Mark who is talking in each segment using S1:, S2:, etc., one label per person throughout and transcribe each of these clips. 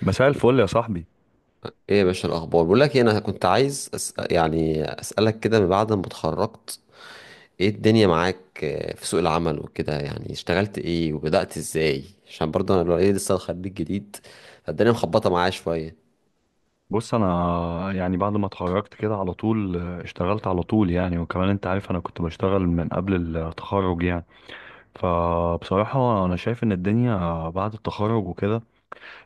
S1: مساء الفل يا صاحبي.
S2: ايه يا باشا، الاخبار؟ بقول لك إيه، انا كنت عايز يعني اسالك كده من بعد ما اتخرجت، ايه الدنيا معاك، في سوق العمل وكده، يعني اشتغلت ايه وبدأت ازاي؟ عشان برضه انا لو ايه لسه خريج جديد، فالدنيا مخبطه معايا شويه.
S1: بص، انا يعني بعد ما اتخرجت كده على طول اشتغلت على طول يعني، وكمان انت عارف انا كنت بشتغل من قبل التخرج يعني. فبصراحة انا شايف ان الدنيا بعد التخرج وكده،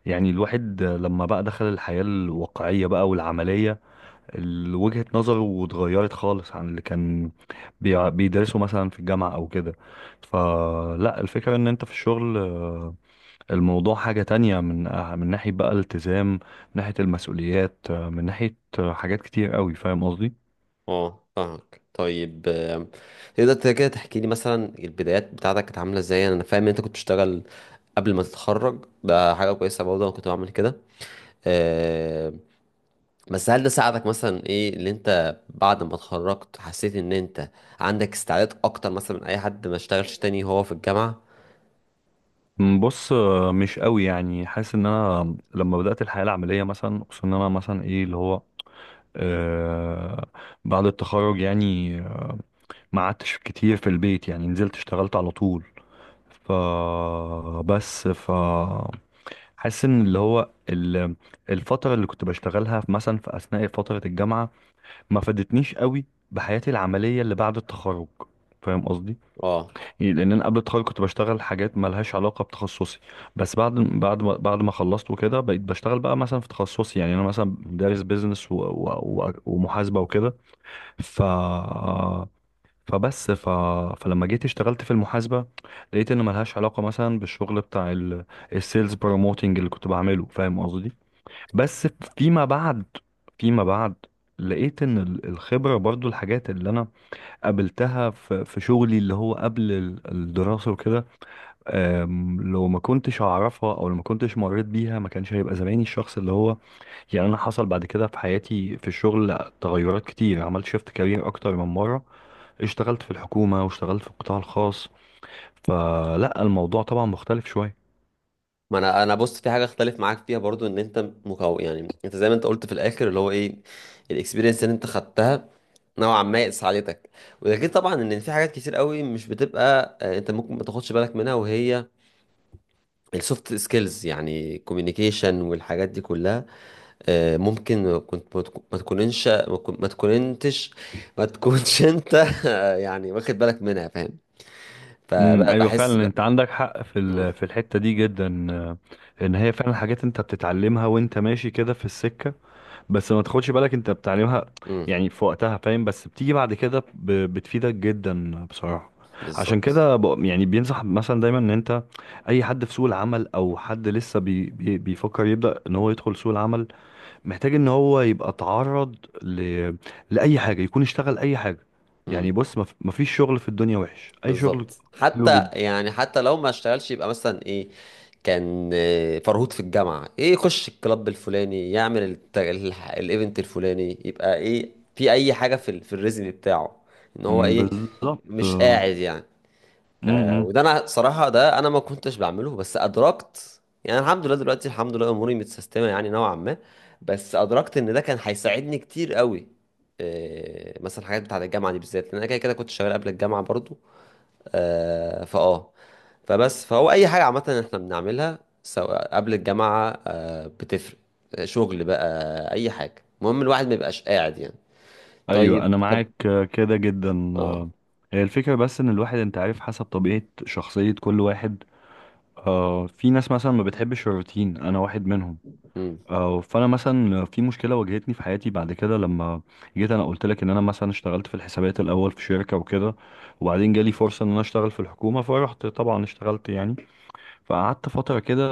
S1: يعني الواحد لما بقى دخل الحياة الواقعية بقى والعملية، وجهة نظره اتغيرت خالص عن اللي كان بيدرسه مثلا في الجامعة او كده. فلا، الفكرة ان انت في الشغل الموضوع حاجة تانية، من من ناحية بقى الالتزام، من ناحية المسؤوليات، من ناحية حاجات كتير قوي، فاهم قصدي.
S2: اه، فاهمك. طيب، تقدر كده تحكي لي مثلا البدايات بتاعتك كانت عامله ازاي؟ انا فاهم ان انت كنت بتشتغل قبل ما تتخرج، ده حاجه كويسه، برضه انا كنت بعمل كده. آم، بس هل ده ساعدك؟ مثلا ايه اللي انت بعد ما اتخرجت حسيت ان انت عندك استعداد اكتر مثلا من اي حد ما اشتغلش تاني وهو في الجامعة؟
S1: بص، مش قوي يعني حاسس ان انا لما بدأت الحياة العملية مثلا، خصوصا ان انا مثلا ايه اللي هو آه بعد التخرج، يعني ما قعدتش كتير في البيت، يعني نزلت اشتغلت على طول. ف بس ف حاسس ان اللي هو الفترة اللي كنت بشتغلها مثلا في اثناء فترة الجامعة ما فادتنيش قوي بحياتي العملية اللي بعد التخرج، فاهم قصدي.
S2: اه.
S1: يعني لان انا قبل التخرج كنت بشتغل حاجات مالهاش علاقة بتخصصي، بس بعد ما خلصت وكده بقيت بشتغل بقى مثلا في تخصصي. يعني انا مثلا دارس بيزنس ومحاسبة وكده. ف فبس ف... فلما جيت اشتغلت في المحاسبة لقيت ان ملهاش علاقة مثلا بالشغل بتاع السيلز بروموتنج اللي كنت بعمله، فاهم قصدي. بس فيما بعد، فيما بعد لقيت ان الخبرة برضو الحاجات اللي انا قابلتها في شغلي اللي هو قبل الدراسة وكده، لو ما كنتش اعرفها او لو ما كنتش مريت بيها ما كانش هيبقى زماني الشخص اللي هو. يعني انا حصل بعد كده في حياتي في الشغل تغيرات كتير، عملت شيفت كارير اكتر من مرة، اشتغلت في الحكومة واشتغلت في القطاع الخاص، فلا الموضوع طبعا مختلف شوية.
S2: ما انا بص، في حاجه اختلف معاك فيها برضو، ان انت يعني انت زي ما انت قلت في الاخر اللي هو ايه، الاكسبيرينس اللي انت خدتها نوعا ما ساعدتك. وده غير طبعا ان في حاجات كتير قوي مش بتبقى، انت ممكن ما تاخدش بالك منها، وهي السوفت سكيلز، يعني كوميونيكيشن والحاجات دي كلها. ممكن كنت ما تكون- ما تكوننش ما تكون- ما تكوننتش ما تكونش انت يعني واخد بالك منها، فاهم؟
S1: ايوه
S2: فبحس ب...
S1: فعلا، انت
S2: ب-
S1: عندك حق في
S2: م-
S1: في الحته دي جدا، ان هي فعلا حاجات انت بتتعلمها وانت ماشي كده في السكه، بس ما تاخدش بالك انت بتعلمها
S2: م،
S1: يعني في وقتها، فاهم، بس بتيجي بعد كده بتفيدك جدا بصراحه. عشان
S2: بالظبط.
S1: كده يعني بينصح مثلا دايما ان انت اي حد في سوق العمل او حد لسه بي بي بيفكر يبدا ان هو يدخل سوق العمل، محتاج ان هو يبقى اتعرض ل لاي حاجه، يكون اشتغل اي حاجه.
S2: م،
S1: يعني بص، مفيش شغل في الدنيا وحش، اي شغل
S2: بالظبط،
S1: حلو
S2: حتى
S1: جدا.
S2: يعني حتى لو ما اشتغلش يبقى مثلا ايه، كان فرهود في الجامعة، ايه، يخش الكلاب الفلاني، يعمل الايفنت الفلاني، يبقى ايه في اي حاجة في الريزم بتاعه، ان هو
S1: مم،
S2: ايه
S1: بالظبط.
S2: مش
S1: آه،
S2: قاعد يعني.
S1: م-
S2: آه،
S1: م.
S2: وده انا صراحه، ده انا ما كنتش بعمله، بس ادركت، يعني الحمد لله دلوقتي، الحمد لله اموري متسيستمه يعني نوعا ما، بس ادركت ان ده كان هيساعدني كتير قوي. آه، مثلا الحاجات بتاعه الجامعه دي بالذات، لان انا كده كده كنت شغال قبل الجامعه برضو. آه فاه فبس فهو اي حاجه عامه احنا بنعملها، سواء قبل الجامعه، بتفرق. شغل بقى اي حاجه، المهم الواحد ما يبقاش قاعد يعني. طيب
S1: ايوه انا
S2: طب
S1: معاك، كده جدا،
S2: اه.
S1: هي الفكره بس ان الواحد انت عارف حسب طبيعه شخصيه كل واحد. في ناس مثلا ما بتحبش الروتين، انا واحد منهم.
S2: امم.
S1: فانا مثلا في مشكله واجهتني في حياتي بعد كده، لما جيت انا قلت لك ان انا مثلا اشتغلت في الحسابات الاول في شركه وكده، وبعدين جالي فرصه ان انا اشتغل في الحكومه، فرحت طبعا اشتغلت يعني، فقعدت فتره كده،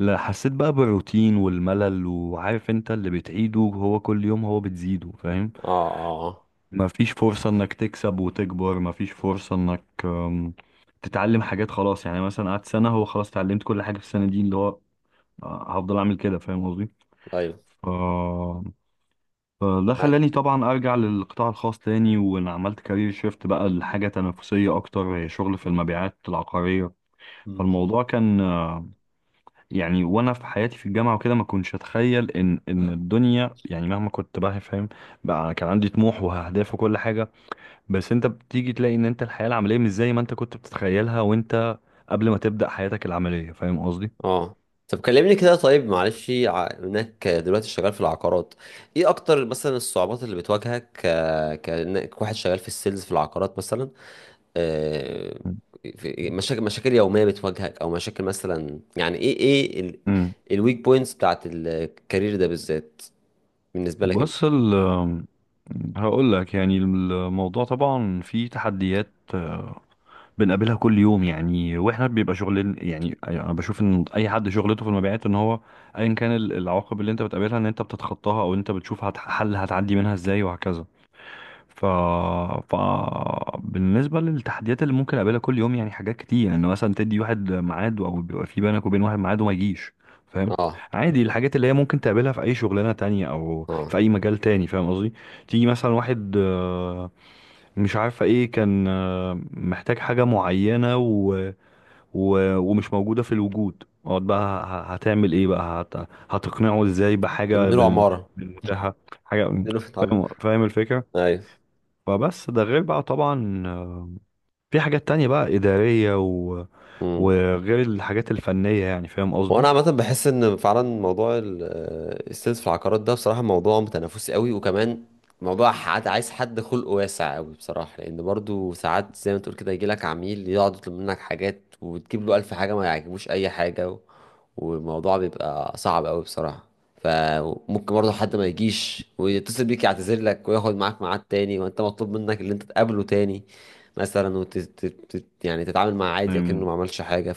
S1: لا، حسيت بقى بالروتين والملل، وعارف انت اللي بتعيده هو كل يوم هو بتزيده، فاهم.
S2: اه، اه، آه.
S1: مفيش فرصة انك تكسب وتكبر، مفيش فرصة انك تتعلم حاجات، خلاص يعني مثلا قعدت سنة، هو خلاص اتعلمت كل حاجة في السنة دي، اللي هو هفضل اعمل كده، فاهم قصدي.
S2: ايوه.
S1: ف... فده خلاني
S2: معاك.
S1: طبعا ارجع للقطاع الخاص تاني، وانا عملت كارير شيفت بقى لحاجة تنافسية اكتر، هي شغل في المبيعات العقارية. فالموضوع كان يعني وانا في حياتي في الجامعه وكده ما كنتش اتخيل ان الدنيا يعني مهما كنت بقى فاهم بقى، كان عندي طموح واهداف وكل حاجه، بس انت بتيجي تلاقي ان انت الحياه العمليه مش زي ما انت كنت بتتخيلها وانت قبل ما تبدا حياتك العمليه، فاهم قصدي.
S2: اه. طب كلمني كده، طيب معلش، انك دلوقتي شغال في العقارات، ايه اكتر مثلا الصعوبات اللي بتواجهك كانك واحد شغال في السيلز في العقارات مثلا؟ آه، مشاكل يومية بتواجهك، او مشاكل مثلا، يعني ايه
S1: امم
S2: الويك بوينتس بتاعت الكارير ده بالذات بالنسبة لك انت؟
S1: بص، هقول لك يعني، الموضوع طبعا فيه تحديات، بنقابلها كل يوم، يعني واحنا بيبقى شغل. يعني انا بشوف ان اي حد شغلته في المبيعات ان هو ايا كان العواقب اللي انت بتقابلها، ان انت بتتخطاها، او انت بتشوف حل هتعدي منها ازاي، وهكذا. ف... ف بالنسبه للتحديات اللي ممكن اقابلها كل يوم يعني، حاجات كتير ان يعني مثلا تدي واحد ميعاد او بيبقى في بينك وبين واحد ميعاد وما يجيش، فاهم.
S2: اه.
S1: عادي، الحاجات اللي هي ممكن تقابلها في اي شغلانه تانية او
S2: اه.
S1: في اي مجال تاني، فاهم قصدي. تيجي مثلا واحد مش عارفة ايه كان محتاج حاجة معينة ومش موجودة في الوجود، اقعد بقى هتعمل ايه بقى، هتقنعه ازاي
S2: طب
S1: بحاجة
S2: بنقول عمارة،
S1: بالمتاحة حاجة،
S2: بنقول
S1: فاهم فاهم الفكرة.
S2: ايوه.
S1: فبس ده غير بقى طبعا، في حاجات تانية بقى إدارية وغير الحاجات الفنية يعني، فاهم
S2: وانا عامه بحس ان فعلا موضوع السيلز في العقارات ده بصراحه موضوع متنافسي قوي، وكمان موضوع حد عايز حد خلقه واسع قوي بصراحه. لان برضو ساعات زي ما تقول كده، يجي لك عميل يقعد يطلب منك حاجات، وتجيب له الف حاجه ما يعجبوش اي حاجه، والموضوع بيبقى صعب قوي بصراحه. فممكن برضو حد ما يجيش ويتصل بيك يعتذر لك وياخد معاك ميعاد تاني، وانت مطلوب منك اللي انت تقابله تاني مثلا، يعني تتعامل معاه عادي كأنه
S1: قصدي.
S2: ما عملش حاجه.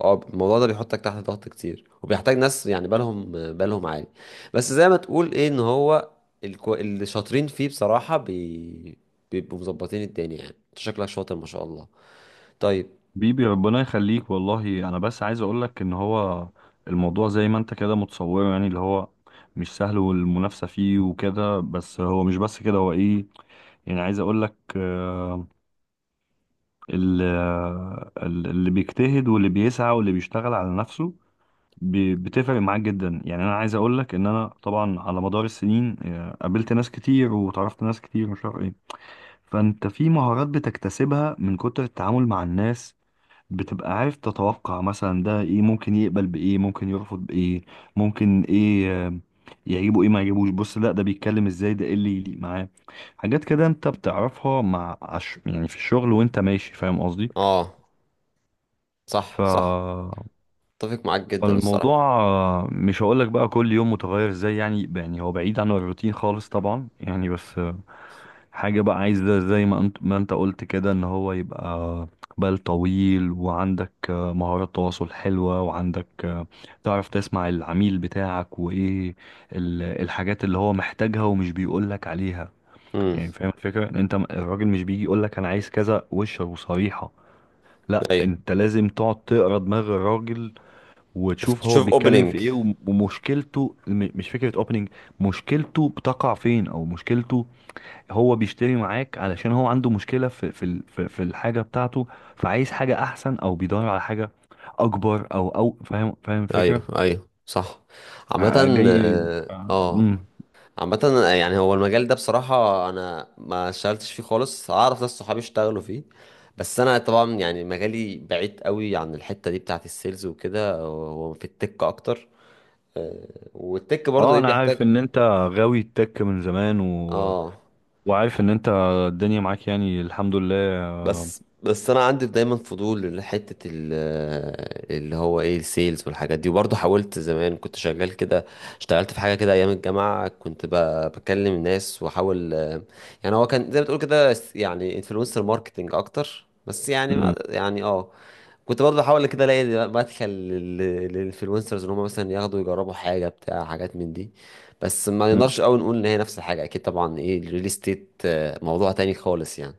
S2: اه، الموضوع ده بيحطك تحت ضغط كتير، وبيحتاج ناس يعني بالهم عالي. بس زي ما تقول ايه، ان هو اللي شاطرين فيه بصراحة بيبقوا مظبطين الدنيا، يعني انت شكلك شاطر ما شاء الله. طيب.
S1: بيبي ربنا يخليك والله، انا بس عايز اقولك ان هو الموضوع زي ما انت كده متصوره، يعني اللي هو مش سهل، والمنافسة فيه وكده، بس هو مش بس كده، هو ايه يعني، عايز اقولك اللي بيجتهد واللي بيسعى واللي بيشتغل على نفسه بتفرق معاه جدا. يعني انا عايز اقولك ان انا طبعا على مدار السنين قابلت ناس كتير وتعرفت ناس كتير مش عارف ايه، فانت في مهارات بتكتسبها من كتر التعامل مع الناس، بتبقى عارف تتوقع مثلا ده ايه ممكن يقبل بايه، ممكن يرفض بايه، ممكن ايه يعجبه، ايه ما يعجبوش، بص لا ده بيتكلم ازاي، ده ايه اللي يليق معاه. حاجات كده انت بتعرفها مع يعني في الشغل وانت ماشي، فاهم قصدي.
S2: اه.
S1: ف
S2: صح، صح. اتفق معاك جدا
S1: الموضوع
S2: الصراحة.
S1: مش هقول لك بقى كل يوم متغير ازاي، يعني هو بعيد عن الروتين خالص طبعا يعني، بس حاجة بقى عايزة زي ما انت قلت كده، ان هو يبقى بال طويل، وعندك مهارات تواصل حلوة، وعندك تعرف تسمع العميل بتاعك وايه الحاجات اللي هو محتاجها ومش بيقولك عليها.
S2: امم
S1: يعني فاهم الفكرة، ان انت الراجل مش بيجي يقولك انا عايز كذا وش وصريحة، لا
S2: ايوه.
S1: انت لازم تقعد تقرا دماغ الراجل، وتشوف هو
S2: تشوف
S1: بيتكلم في
S2: اوبننج.
S1: ايه، ومشكلته مش فكرة اوبننج. مشكلته بتقع فين، او مشكلته هو بيشتري معاك علشان هو عنده مشكلة في الحاجة بتاعته، فعايز حاجة احسن او بيدور على حاجة اكبر، او فاهم فاهم
S2: ايوه،
S1: الفكرة.
S2: ايوه، صح. عامة،
S1: ع- جاي
S2: اه،
S1: ع-
S2: آه.
S1: مم.
S2: عامة يعني هو المجال ده بصراحة أنا ما اشتغلتش فيه خالص، أعرف ناس صحابي اشتغلوا فيه، بس أنا طبعا يعني مجالي بعيد قوي عن الحتة دي بتاعة السيلز وكده، هو في التك أكتر. والتك برضو
S1: اه
S2: إيه
S1: انا عارف
S2: بيحتاج؟
S1: ان انت غاوي التك من زمان
S2: آه،
S1: وعارف ان انت الدنيا معاك يعني، الحمد لله. آه،
S2: بس انا عندي دايما فضول لحته اللي هو ايه، السيلز والحاجات دي، وبرضه حاولت زمان كنت شغال كده. اشتغلت في حاجه كده ايام الجامعه، كنت بكلم الناس، واحاول، يعني هو كان زي ما بتقول كده يعني انفلونسر ماركتنج اكتر، بس يعني ما
S1: مم.
S2: يعني كنت برضه بحاول كده الاقي مدخل للانفلونسرز، ان هم مثلا ياخدوا يجربوا حاجه بتاع حاجات من دي، بس ما
S1: مم.
S2: نقدرش قوي نقول ان هي نفس الحاجه، اكيد طبعا، ايه الريل استيت موضوع تاني خالص يعني.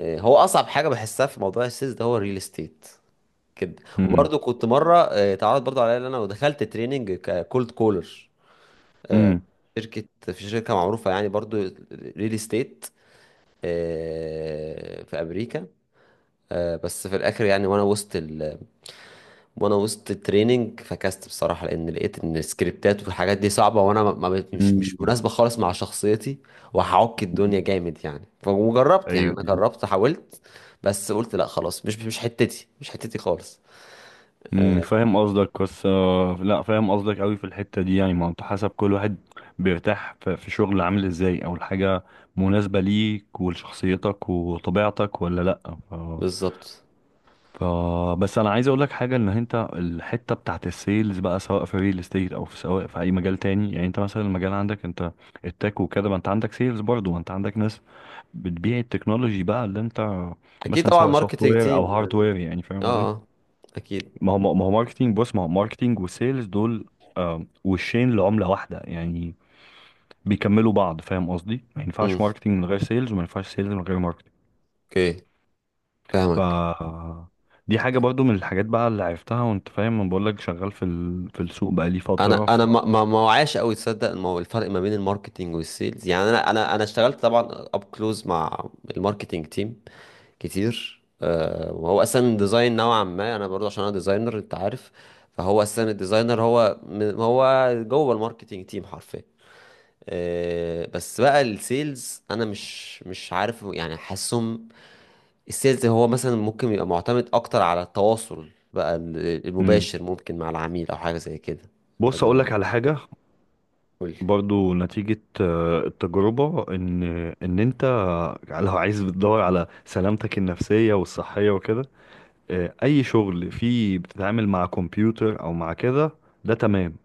S2: هو اصعب حاجه بحسها في موضوع السيلز ده هو الريل استيت كده.
S1: مم.
S2: وبرضه كنت مره اتعرض برضه عليا ان انا دخلت تريننج ككولد كولر،
S1: مم.
S2: في شركه معروفه يعني، برضه ريل استيت في امريكا. بس في الاخر يعني وانا وسط التريننج فكست بصراحه، لان لقيت ان السكريبتات والحاجات دي صعبه، وانا ما ما مش
S1: مم.
S2: مناسبه خالص مع شخصيتي، وهعك الدنيا جامد يعني. وجربت، يعني
S1: ايوه
S2: انا
S1: أيوه.
S2: جربت، حاولت، بس قلت لا، خلاص مش حتتي، مش حتتي خالص. آه.
S1: فاهم قصدك، بس لا فاهم قصدك قوي في الحتة دي، يعني ما هو انت حسب كل واحد بيرتاح في شغل عامل ازاي، او الحاجة مناسبة ليك ولشخصيتك وطبيعتك ولا لا.
S2: بالظبط.
S1: ف... بس انا عايز اقول لك حاجة، ان انت الحتة بتاعت السيلز بقى سواء في ريل استيت، او سواء في اي مجال تاني، يعني انت مثلا المجال عندك انت التك وكده، ما انت عندك سيلز برضه، ما انت عندك ناس بتبيع التكنولوجي بقى اللي انت
S2: اكيد
S1: مثلا
S2: طبعا،
S1: سواء سوفت
S2: ماركتنج
S1: وير
S2: تيم
S1: او هارد
S2: يعني.
S1: وير، يعني
S2: اه،
S1: فاهم.
S2: اكيد.
S1: ما هو ماركتينج، بص ما هو ماركتينج وسيلز دول وشين لعملة واحدة يعني، بيكملوا بعض، فاهم قصدي، ما ينفعش
S2: امم
S1: ماركتينج من غير سيلز وما ينفعش سيلز من غير ماركتينج.
S2: اوكي،
S1: ف
S2: فاهمك.
S1: دي حاجة برضو من الحاجات بقى اللي عرفتها، وانت فاهم انا بقول لك شغال في في السوق بقالي فترة.
S2: انا
S1: ف
S2: ما وعاش قوي، تصدق الفرق ما بين الماركتنج والسيلز؟ يعني انا اشتغلت طبعا اب كلوز مع الماركتنج تيم كتير، وهو اصلا ديزاين نوعا ما، انا برضه عشان انا ديزاينر انت عارف، فهو اصلا الديزاينر هو جوه الماركتينج تيم حرفيا. بس بقى السيلز انا مش عارف يعني، حاسسهم السيلز هو مثلا ممكن يبقى معتمد اكتر على التواصل بقى
S1: مم.
S2: المباشر، ممكن مع العميل او حاجه زي كده.
S1: بص اقول
S2: تمام،
S1: لك على حاجة،
S2: قول.
S1: برضو نتيجة التجربة، ان انت لو عايز بتدور على سلامتك النفسية والصحية وكده، اي شغل فيه بتتعامل مع كمبيوتر او مع كده ده تمام،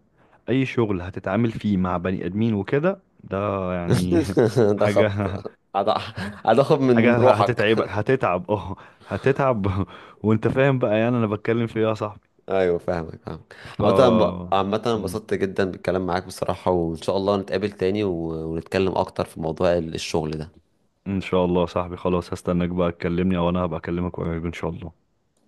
S1: اي شغل هتتعامل فيه مع بني ادمين وكده ده يعني
S2: ده خط
S1: حاجة
S2: هتاخد من
S1: حاجة
S2: روحك.
S1: هتتعبك، هتتعب وانت فاهم بقى يعني انا بتكلم في ايه يا صاحبي.
S2: ايوه فاهمك، فاهمك.
S1: ف
S2: عامة عامة أنا انبسطت جدا بالكلام معاك بصراحة، وان شاء الله نتقابل تاني ونتكلم اكتر في موضوع الشغل ده.
S1: ان شاء الله يا صاحبي، خلاص، هستناك بقى تكلمني او انا هبقى اكلمك قريب ان شاء الله.